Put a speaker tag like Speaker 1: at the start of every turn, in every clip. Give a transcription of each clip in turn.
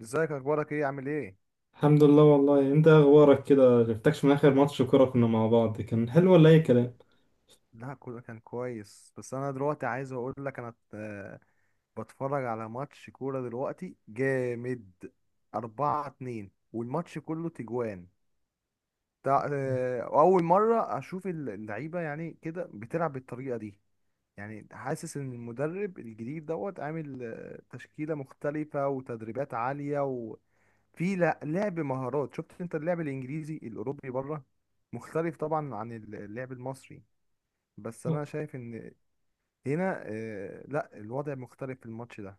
Speaker 1: ازيك؟ اخبارك ايه؟ عامل ايه؟
Speaker 2: الحمد لله. والله انت اخبارك كده، جبتكش من اخر ماتش كوره كنا مع بعض، كان حلو ولا اي كلام؟
Speaker 1: لا، كله كان كويس. بس انا دلوقتي عايز اقول لك انا بتفرج على ماتش كورة دلوقتي جامد. 4-2، والماتش كله تجوان. تع... آه، اول مرة اشوف اللعيبة يعني كده بتلعب بالطريقة دي. يعني حاسس ان المدرب الجديد دوت عامل تشكيلة مختلفة وتدريبات عالية، وفي لعب مهارات. شفت انت اللعب الانجليزي الاوروبي بره مختلف طبعا عن اللعب المصري. بس
Speaker 2: لا،
Speaker 1: انا شايف ان هنا لا، الوضع مختلف في الماتش ده.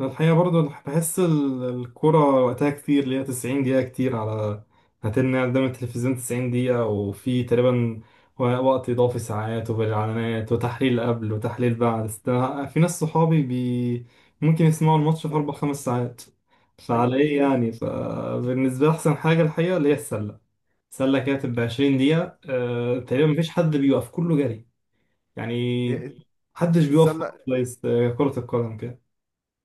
Speaker 2: الحقيقه برضو بحس الكوره وقتها كتير، اللي هي 90 دقيقه كتير على هتلنا قدام التلفزيون. 90 دقيقه وفي تقريبا وقت اضافي ساعات، وبالاعلانات وتحليل قبل وتحليل بعد في ناس صحابي بي ممكن يسمعوا الماتش في
Speaker 1: م-
Speaker 2: اربع خمس ساعات. فعلى
Speaker 1: ايوه، في
Speaker 2: ايه
Speaker 1: ناس.
Speaker 2: يعني؟ فبالنسبه لي احسن حاجه الحقيقه اللي هي السله. سله كده تبقى 20 دقيقه، تقريبا مفيش حد بيوقف، كله جري يعني،
Speaker 1: هي
Speaker 2: محدش بيوقف،
Speaker 1: السله
Speaker 2: كويس. كره القدم كده.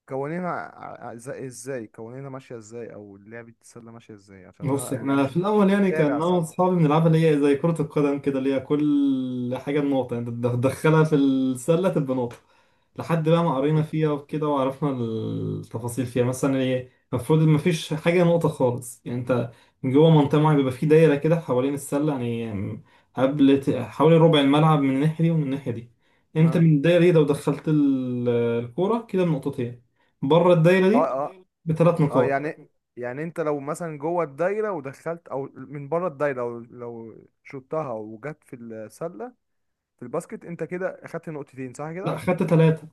Speaker 1: قوانينها ع- ع- ازاي إزاي؟ قوانينها ماشيه ازاي، او لعبه السله ماشيه ازاي؟ عشان
Speaker 2: بص،
Speaker 1: انا يعني
Speaker 2: احنا
Speaker 1: مش
Speaker 2: في الاول
Speaker 1: مش
Speaker 2: يعني كان
Speaker 1: متابع
Speaker 2: انا
Speaker 1: سله.
Speaker 2: واصحابي بنلعبها اللي هي زي كرة القدم كده، اللي هي كل حاجة بنقطة، يعني تدخلها في السلة تبقى نقطة. لحد بقى ما قرينا
Speaker 1: حلو.
Speaker 2: فيها وكده وعرفنا التفاصيل فيها، مثلا ايه المفروض ما فيش حاجة نقطة خالص. يعني انت من جوه منطقة معينة بيبقى في دايرة كده حوالين السلة يعني، قبل حوالي ربع الملعب، من الناحية دي ومن الناحية دي. انت
Speaker 1: اه،
Speaker 2: من الدايرة دي لو دخلت الكورة كده بنقطتين. بره الدايرة
Speaker 1: اه،
Speaker 2: دي
Speaker 1: اه،
Speaker 2: بثلاث
Speaker 1: اه،
Speaker 2: نقاط.
Speaker 1: يعني. يعني انت لو مثلا جوه الدايره ودخلت، او من بره الدايره لو شطها وجت في السله، في الباسكت، انت كده اخدت نقطتين، صح
Speaker 2: لا،
Speaker 1: كده؟
Speaker 2: خدت ثلاثة.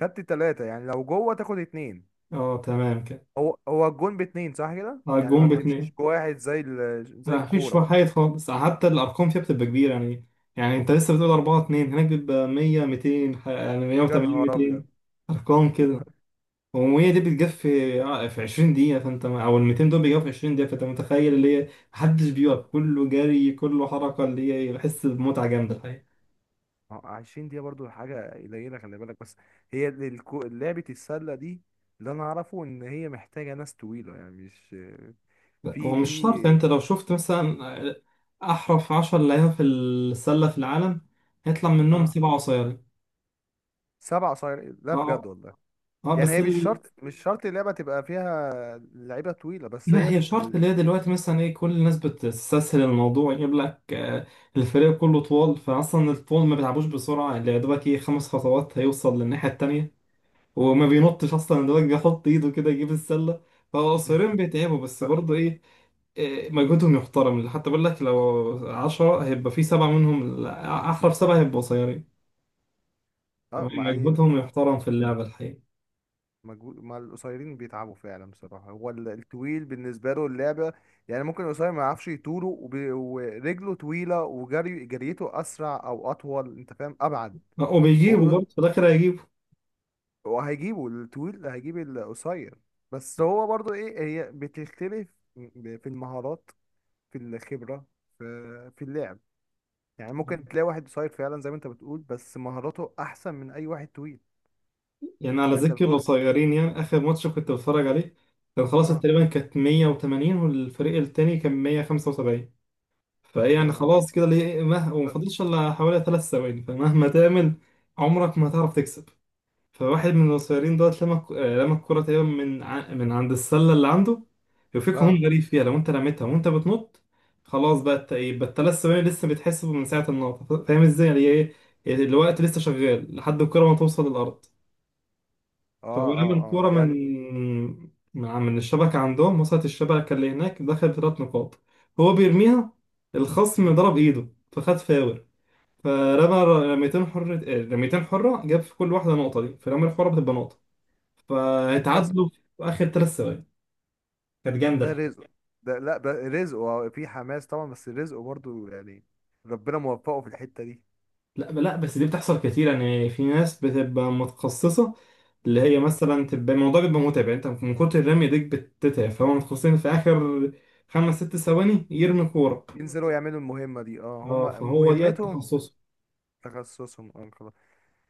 Speaker 1: خدت ثلاثه؟ يعني لو جوه تاخد اتنين.
Speaker 2: اه تمام كده.
Speaker 1: هو الجون باتنين، صح كده؟
Speaker 2: اه،
Speaker 1: يعني ما
Speaker 2: الجون
Speaker 1: بتمشيش
Speaker 2: باتنين.
Speaker 1: بواحد
Speaker 2: لا،
Speaker 1: زي
Speaker 2: مفيش
Speaker 1: الكوره.
Speaker 2: وحايد خالص، حتى الارقام فيها بتبقى كبيره يعني انت لسه بتقول 4-2 هناك، بيبقى 100 200، يعني
Speaker 1: يا
Speaker 2: 180
Speaker 1: نهار ابيض!
Speaker 2: 200 ارقام
Speaker 1: يا
Speaker 2: كده.
Speaker 1: نهار!
Speaker 2: و100 دي بتجف في في 20 دقيقه، فانت، او ال 200 دول بيجوا في 20 دقيقه، فانت متخيل اللي هي محدش بيقف، كله جري كله حركه، اللي هي بحس بمتعه جامده الحقيقه.
Speaker 1: ما هو 20 دقيقه برضو حاجه قليله، خلي بالك. بس هي لعبه السله دي، اللي انا اعرفه ان هي محتاجه ناس طويله، يعني مش
Speaker 2: لا، هو
Speaker 1: في
Speaker 2: مش شرط.
Speaker 1: في
Speaker 2: انت لو شفت مثلا آه، احرف 10 لعيبه في السله في العالم، هيطلع منهم
Speaker 1: اه.
Speaker 2: سبعه قصيرين.
Speaker 1: سبع صاير؟ لا،
Speaker 2: اه
Speaker 1: بجد والله.
Speaker 2: اه،
Speaker 1: يعني
Speaker 2: بس
Speaker 1: هي مش شرط مش شرط اللعبه تبقى فيها لعيبه طويله، بس هي
Speaker 2: لا، هي شرط. اللي هي دلوقتي مثلا ايه، كل الناس بتستسهل الموضوع، يجيب لك الفريق كله طوال، فاصلا الطول ما بيلعبوش بسرعه، اللي يا دوبك ايه خمس خطوات هيوصل للناحيه التانيه، وما
Speaker 1: مم.
Speaker 2: بينطش اصلا، يا دوبك بيحط ايده كده يجيب السله. فقصيرين بيتعبوا، بس
Speaker 1: ف-
Speaker 2: برضه ايه، مجهودهم يحترم. حتى بقول لك لو عشرة هيبقى في سبعة منهم، لا، أحرف سبعة هيبقوا قصيرين.
Speaker 1: اه، ما هي
Speaker 2: فمجهودهم يحترم في اللعبة الحقيقة،
Speaker 1: مجهود. مع القصيرين بيتعبوا فعلا بصراحة. هو الطويل بالنسبة له اللعبة، يعني ممكن القصير ما يعرفش يطوله، ورجله طويلة، وجري جريته أسرع أو أطول، أنت فاهم، أبعد.
Speaker 2: وبيجيبوا
Speaker 1: هو ال-
Speaker 2: برضه في الآخر هيجيبوا.
Speaker 1: هو هيجيبه الطويل، هيجيب القصير. بس هو برضو إيه، هي بتختلف في المهارات، في الخبرة، في اللعب. يعني ممكن تلاقي واحد قصير فعلا زي ما أنت بتقول، بس مهاراته أحسن من أي واحد طويل.
Speaker 2: يعني على
Speaker 1: فأنت
Speaker 2: ذكر
Speaker 1: بتقول.
Speaker 2: القصيرين، يعني اخر ماتش كنت بتفرج عليه، كان خلاص
Speaker 1: آه.
Speaker 2: تقريبا كانت 180 والفريق التاني كان 175. فايه
Speaker 1: يا
Speaker 2: يعني
Speaker 1: نهار أبيض.
Speaker 2: خلاص كده، ليه وما فاضلش الا حوالي ثلاث ثواني، فمهما تعمل عمرك ما هتعرف تكسب. فواحد من القصيرين دوت، لما ك- آه، لما الكرة تقريبا من من عند السلة اللي عنده، يوفيك
Speaker 1: اه،
Speaker 2: هون غريب فيها، لو انت رميتها وانت بتنط، خلاص بقى الت- إيه، بقى الثلاث ثواني لسه بيتحسبوا من ساعة النقطة، فاهم ازاي يعني ايه، الوقت لسه شغال لحد الكرة ما توصل للأرض.
Speaker 1: اه،
Speaker 2: فلما
Speaker 1: اه،
Speaker 2: الكورة من
Speaker 1: يعني.
Speaker 2: من من الشبكة عندهم وصلت الشبكة اللي هناك، دخل بثلاث نقاط. هو بيرميها، الخصم
Speaker 1: مم.
Speaker 2: ضرب إيده، فخد فاول، فرمى رميتين حرة، جاب في كل واحدة نقطة، دي فرمى الحرة بتبقى نقطة.
Speaker 1: كسب.
Speaker 2: فاتعادلوا في آخر ثلاث ثواني، كانت
Speaker 1: ده
Speaker 2: جامدة.
Speaker 1: رزق. لا، ده رزق وفي حماس طبعا، بس رزقه برضو يعني ربنا موفقه في الحتة دي.
Speaker 2: لا لا، بس دي بتحصل كتير. يعني في ناس بتبقى متخصصة، اللي هي
Speaker 1: مم.
Speaker 2: مثلا تبقى الموضوع بيبقى متعب يعني، انت من كتر الرمي ديك بتتعب، فهم متخصصين في آخر خمس ست ثواني يرمي كورة.
Speaker 1: ينزلوا يعملوا المهمة دي، اه،
Speaker 2: اه،
Speaker 1: هما
Speaker 2: فهو دي
Speaker 1: مهمتهم.
Speaker 2: تخصصه.
Speaker 1: تخصصهم، اه، خلاص.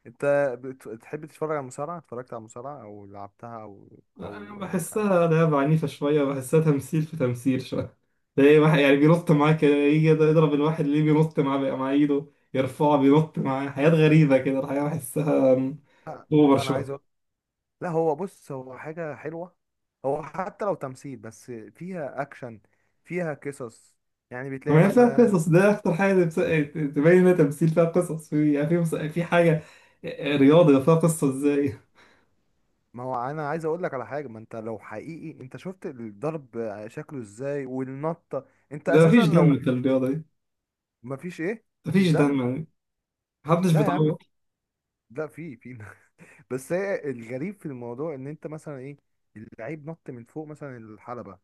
Speaker 1: انت بتحب تتفرج على المصارعة؟ اتفرجت على المصارعة او لعبتها، او
Speaker 2: أنا
Speaker 1: او آه،
Speaker 2: بحسها لعبة عنيفة شوية، بحسها تمثيل في تمثيل شوية. تلاقي واحد يعني بينط معاه كده، يجي يضرب الواحد اللي بينط معاه بقى مع ايده، يرفعه بينط معاه، حاجات غريبة كده الحقيقة، بحسها
Speaker 1: لا،
Speaker 2: اوفر
Speaker 1: لا، انا عايز
Speaker 2: شوية.
Speaker 1: اقول. لا، هو بص، هو حاجة حلوة. هو حتى لو تمثيل، بس فيها اكشن، فيها قصص يعني. بتلاقي
Speaker 2: ما هي فيها
Speaker 1: مثلا
Speaker 2: قصص، ده أكتر حاجة تبين إنها تمثيل، فيها قصص، في يعني في في حاجة، رياضة فيها قصة إزاي؟
Speaker 1: ما هو انا عايز اقول لك على حاجه. ما انت لو حقيقي انت شفت الضرب شكله ازاي، والنطه. انت
Speaker 2: ده
Speaker 1: اساسا
Speaker 2: مفيش
Speaker 1: لو
Speaker 2: دم في الرياضة دي،
Speaker 1: ما فيش، ايه؟
Speaker 2: مفيش
Speaker 1: فيش دم.
Speaker 2: دم يعني، محدش
Speaker 1: لا يا عم.
Speaker 2: بيتعور.
Speaker 1: لا، في بس هي الغريب في الموضوع، ان انت مثلا ايه، اللعيب نط من فوق مثلا الحلبه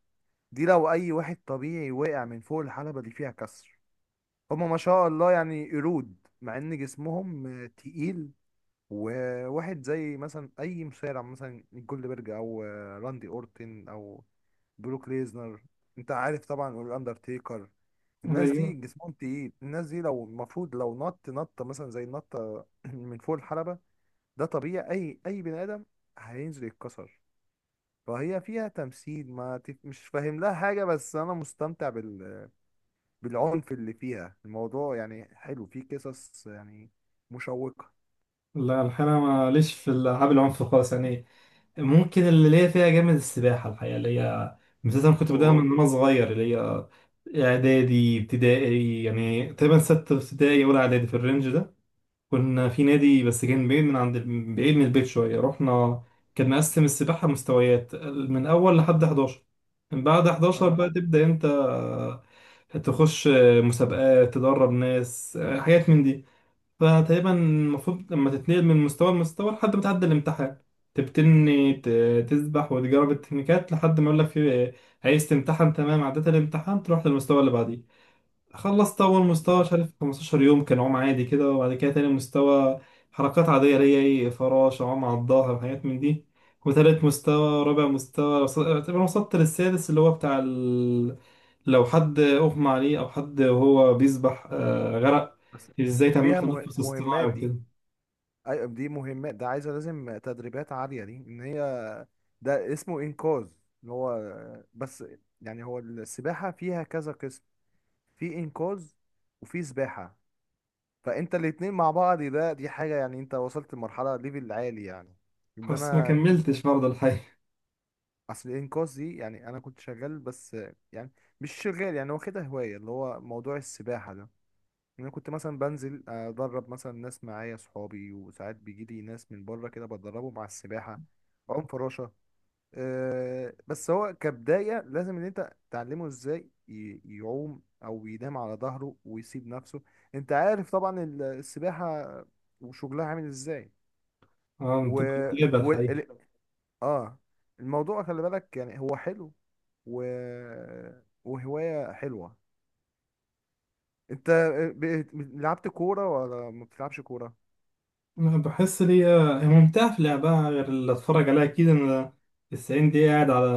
Speaker 1: دي. لو اي واحد طبيعي وقع من فوق الحلبه دي فيها كسر. هما، ما شاء الله، يعني قرود، مع ان جسمهم تقيل. وواحد زي مثلا اي مصارع مثلا جولدبرج، او راندي اورتن، او بروك ليزنر. انت عارف طبعا الاندرتيكر. الناس دي
Speaker 2: أيوه.
Speaker 1: جسمهم تقيل. الناس دي لو المفروض لو نط نطه مثلا زي النطه من فوق الحلبه، ده طبيعي، اي بني ادم هينزل يتكسر. فهي فيها تمثيل، ما تف... مش فاهم لها حاجه، بس انا مستمتع بالعنف اللي فيها. الموضوع يعني حلو، فيه قصص يعني مشوقه.
Speaker 2: لا، الحقيقة أنا ماليش في الألعاب العنف خالص يعني. ممكن اللي ليا فيها جامد السباحة الحقيقة، اللي هي مثلا كنت بداها
Speaker 1: اوه.
Speaker 2: من وأنا صغير، اللي هي إعدادي ابتدائي يعني، تقريبا ستة ابتدائي ولا إعدادي في الرينج ده. كنا في نادي بس كان بعيد من البيت شوية. رحنا، كان مقسم السباحة مستويات من أول لحد 11. من بعد 11
Speaker 1: اه،
Speaker 2: بقى تبدأ أنت تخش مسابقات، تدرب ناس، حاجات من دي. فتقريبا المفروض لما تتنقل من مستوى لمستوى لحد ما تعدي الامتحان، تبتني تسبح وتجرب التكنيكات لحد ما يقول لك عايز تمتحن. تمام، عديت الامتحان تروح للمستوى اللي بعديه. خلصت أول مستوى
Speaker 1: اه،
Speaker 2: مش عارف 15 يوم، كان عوم عادي كده. وبعد كده تاني مستوى حركات عادية، اللي هي إيه، فراشة، عوم على الظهر وحاجات من دي. وتالت مستوى رابع مستوى، اعتبر وصلت للسادس، اللي هو بتاع لو حد أغمى عليه أو حد وهو بيسبح غرق،
Speaker 1: بس
Speaker 2: إزاي
Speaker 1: دي
Speaker 2: تعمله
Speaker 1: ليها
Speaker 2: تنفس اصطناعي
Speaker 1: مهمات دي.
Speaker 2: وكده.
Speaker 1: ايوه، دي مهمات، ده عايزه لازم تدريبات عاليه، دي ان هي ده اسمه انقاذ اللي هو. بس يعني هو السباحه فيها كذا قسم، في انقاذ وفي سباحه. فانت الاتنين مع بعض، ده دي حاجه، يعني انت وصلت لمرحله ليفل عالي، يعني ان
Speaker 2: بس ما
Speaker 1: انا كنت.
Speaker 2: كملتش برضه الحقيقة.
Speaker 1: اصل الانقاذ دي، يعني انا كنت شغال، بس يعني مش شغال، يعني واخدها هوايه اللي هو موضوع السباحه ده. يعني انا كنت مثلا بنزل ادرب مثلا ناس معايا صحابي، وساعات بيجي لي ناس من بره كده بدربهم على السباحه، عوم، فراشه. أه، بس هو كبدايه لازم ان انت تعلمه ازاي يعوم او ينام على ظهره ويسيب نفسه. انت عارف طبعا السباحه وشغلها عامل ازاي.
Speaker 2: اه،
Speaker 1: و,
Speaker 2: انت بتتابع
Speaker 1: و...
Speaker 2: الحقيقة.
Speaker 1: ال... اه الموضوع خلي بالك، يعني هو حلو، و... وهوايه حلوه. انت ب... لعبت كوره ولا ما بتلعبش كوره؟
Speaker 2: أنا بحس لي هي ممتعة في لعبها غير اللي أتفرج عليها، أكيد. أنا التسعين دقيقة قاعد على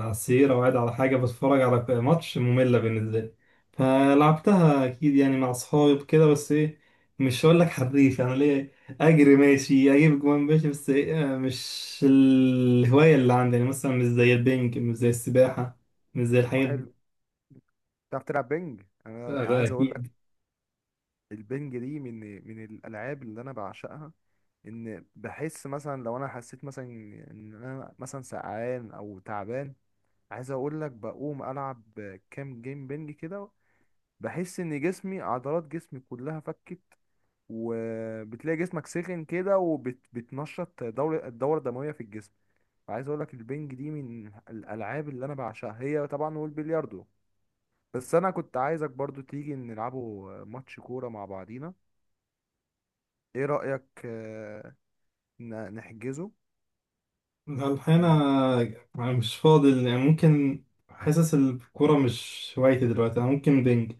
Speaker 2: السرير أو قاعد على حاجة بتفرج على ماتش، مملة بالنسبة لي. فلعبتها أكيد يعني مع أصحابي وكده، بس إيه مش هقول لك حريف يعني، ليه، أجري ماشي، أجيب جوان ماشي، بس إيه، مش الهواية اللي عندي يعني، مثلا مش زي البنج مش زي السباحة مش زي الحاجات دي.
Speaker 1: وحلو. تعرف تلعب بنج؟
Speaker 2: لا،
Speaker 1: انا
Speaker 2: ده
Speaker 1: عايز اقول لك،
Speaker 2: أكيد.
Speaker 1: البنج دي من الالعاب اللي انا بعشقها. ان بحس مثلا لو انا حسيت مثلا ان انا مثلا سقعان او تعبان، عايز اقول لك، بقوم العب كام جيم بنج كده، بحس ان جسمي، عضلات جسمي كلها فكت، وبتلاقي جسمك سخن كده، وبتنشط الدورة الدموية في الجسم. فعايز اقول لك، البنج دي من الالعاب اللي انا بعشقها هي طبعا، والبلياردو. بس انا كنت عايزك برضو تيجي نلعبوا ماتش كورة مع بعضينا. ايه رأيك؟ نحجزه
Speaker 2: لا، الحقيقة
Speaker 1: ون-
Speaker 2: أنا مش فاضي يعني، ممكن، حاسس الكورة مش هوايتي دلوقتي، أنا ممكن بينج.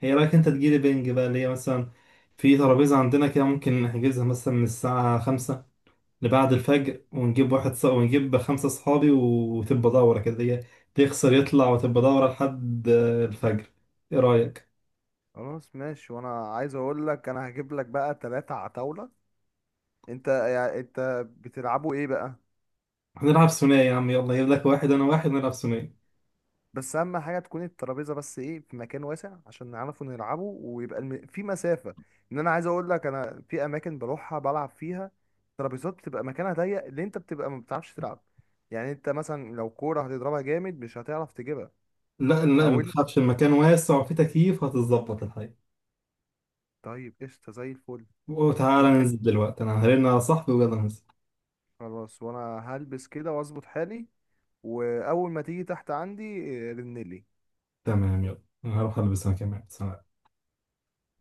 Speaker 2: هي، رأيك أنت تجيلي بينج بقى، اللي هي مثلا في ترابيزة عندنا كده ممكن نحجزها مثلا من الساعة خمسة لبعد الفجر، ونجيب خمسة صحابي، وتبقى دورة كده، اللي هي تخسر يطلع، وتبقى دورة لحد الفجر. إيه رأيك؟
Speaker 1: خلاص ماشي، وانا عايز اقول لك، انا هجيب لك بقى ثلاثة على طاولة. انت يعني، انت بتلعبوا ايه بقى؟
Speaker 2: هنلعب ثنائي يا عم، يلا أجيب لك واحد أنا واحد، نلعب ثنائي.
Speaker 1: بس اهم حاجة تكون الترابيزة، بس ايه، في مكان واسع عشان نعرفوا نلعبه، ويبقى في مسافة. ان انا عايز اقول لك، انا في اماكن بروحها بلعب فيها ترابيزات بتبقى مكانها ضيق، اللي انت بتبقى ما بتعرفش تلعب. يعني انت مثلا لو كورة هتضربها جامد مش هتعرف تجيبها.
Speaker 2: لا لا، ما
Speaker 1: او
Speaker 2: تخافش، المكان واسع وفيه تكييف، هتتظبط.
Speaker 1: طيب، قشطة زي الفل.
Speaker 2: وتعالى
Speaker 1: انت
Speaker 2: ننزل دلوقتي، انا هرن على صاحبي ويلا ننزل.
Speaker 1: خلاص، وانا هلبس كده واظبط حالي، واول ما تيجي تحت عندي رنلي.
Speaker 2: تمام، يلا أنا هروح البس انا كمان، سلام.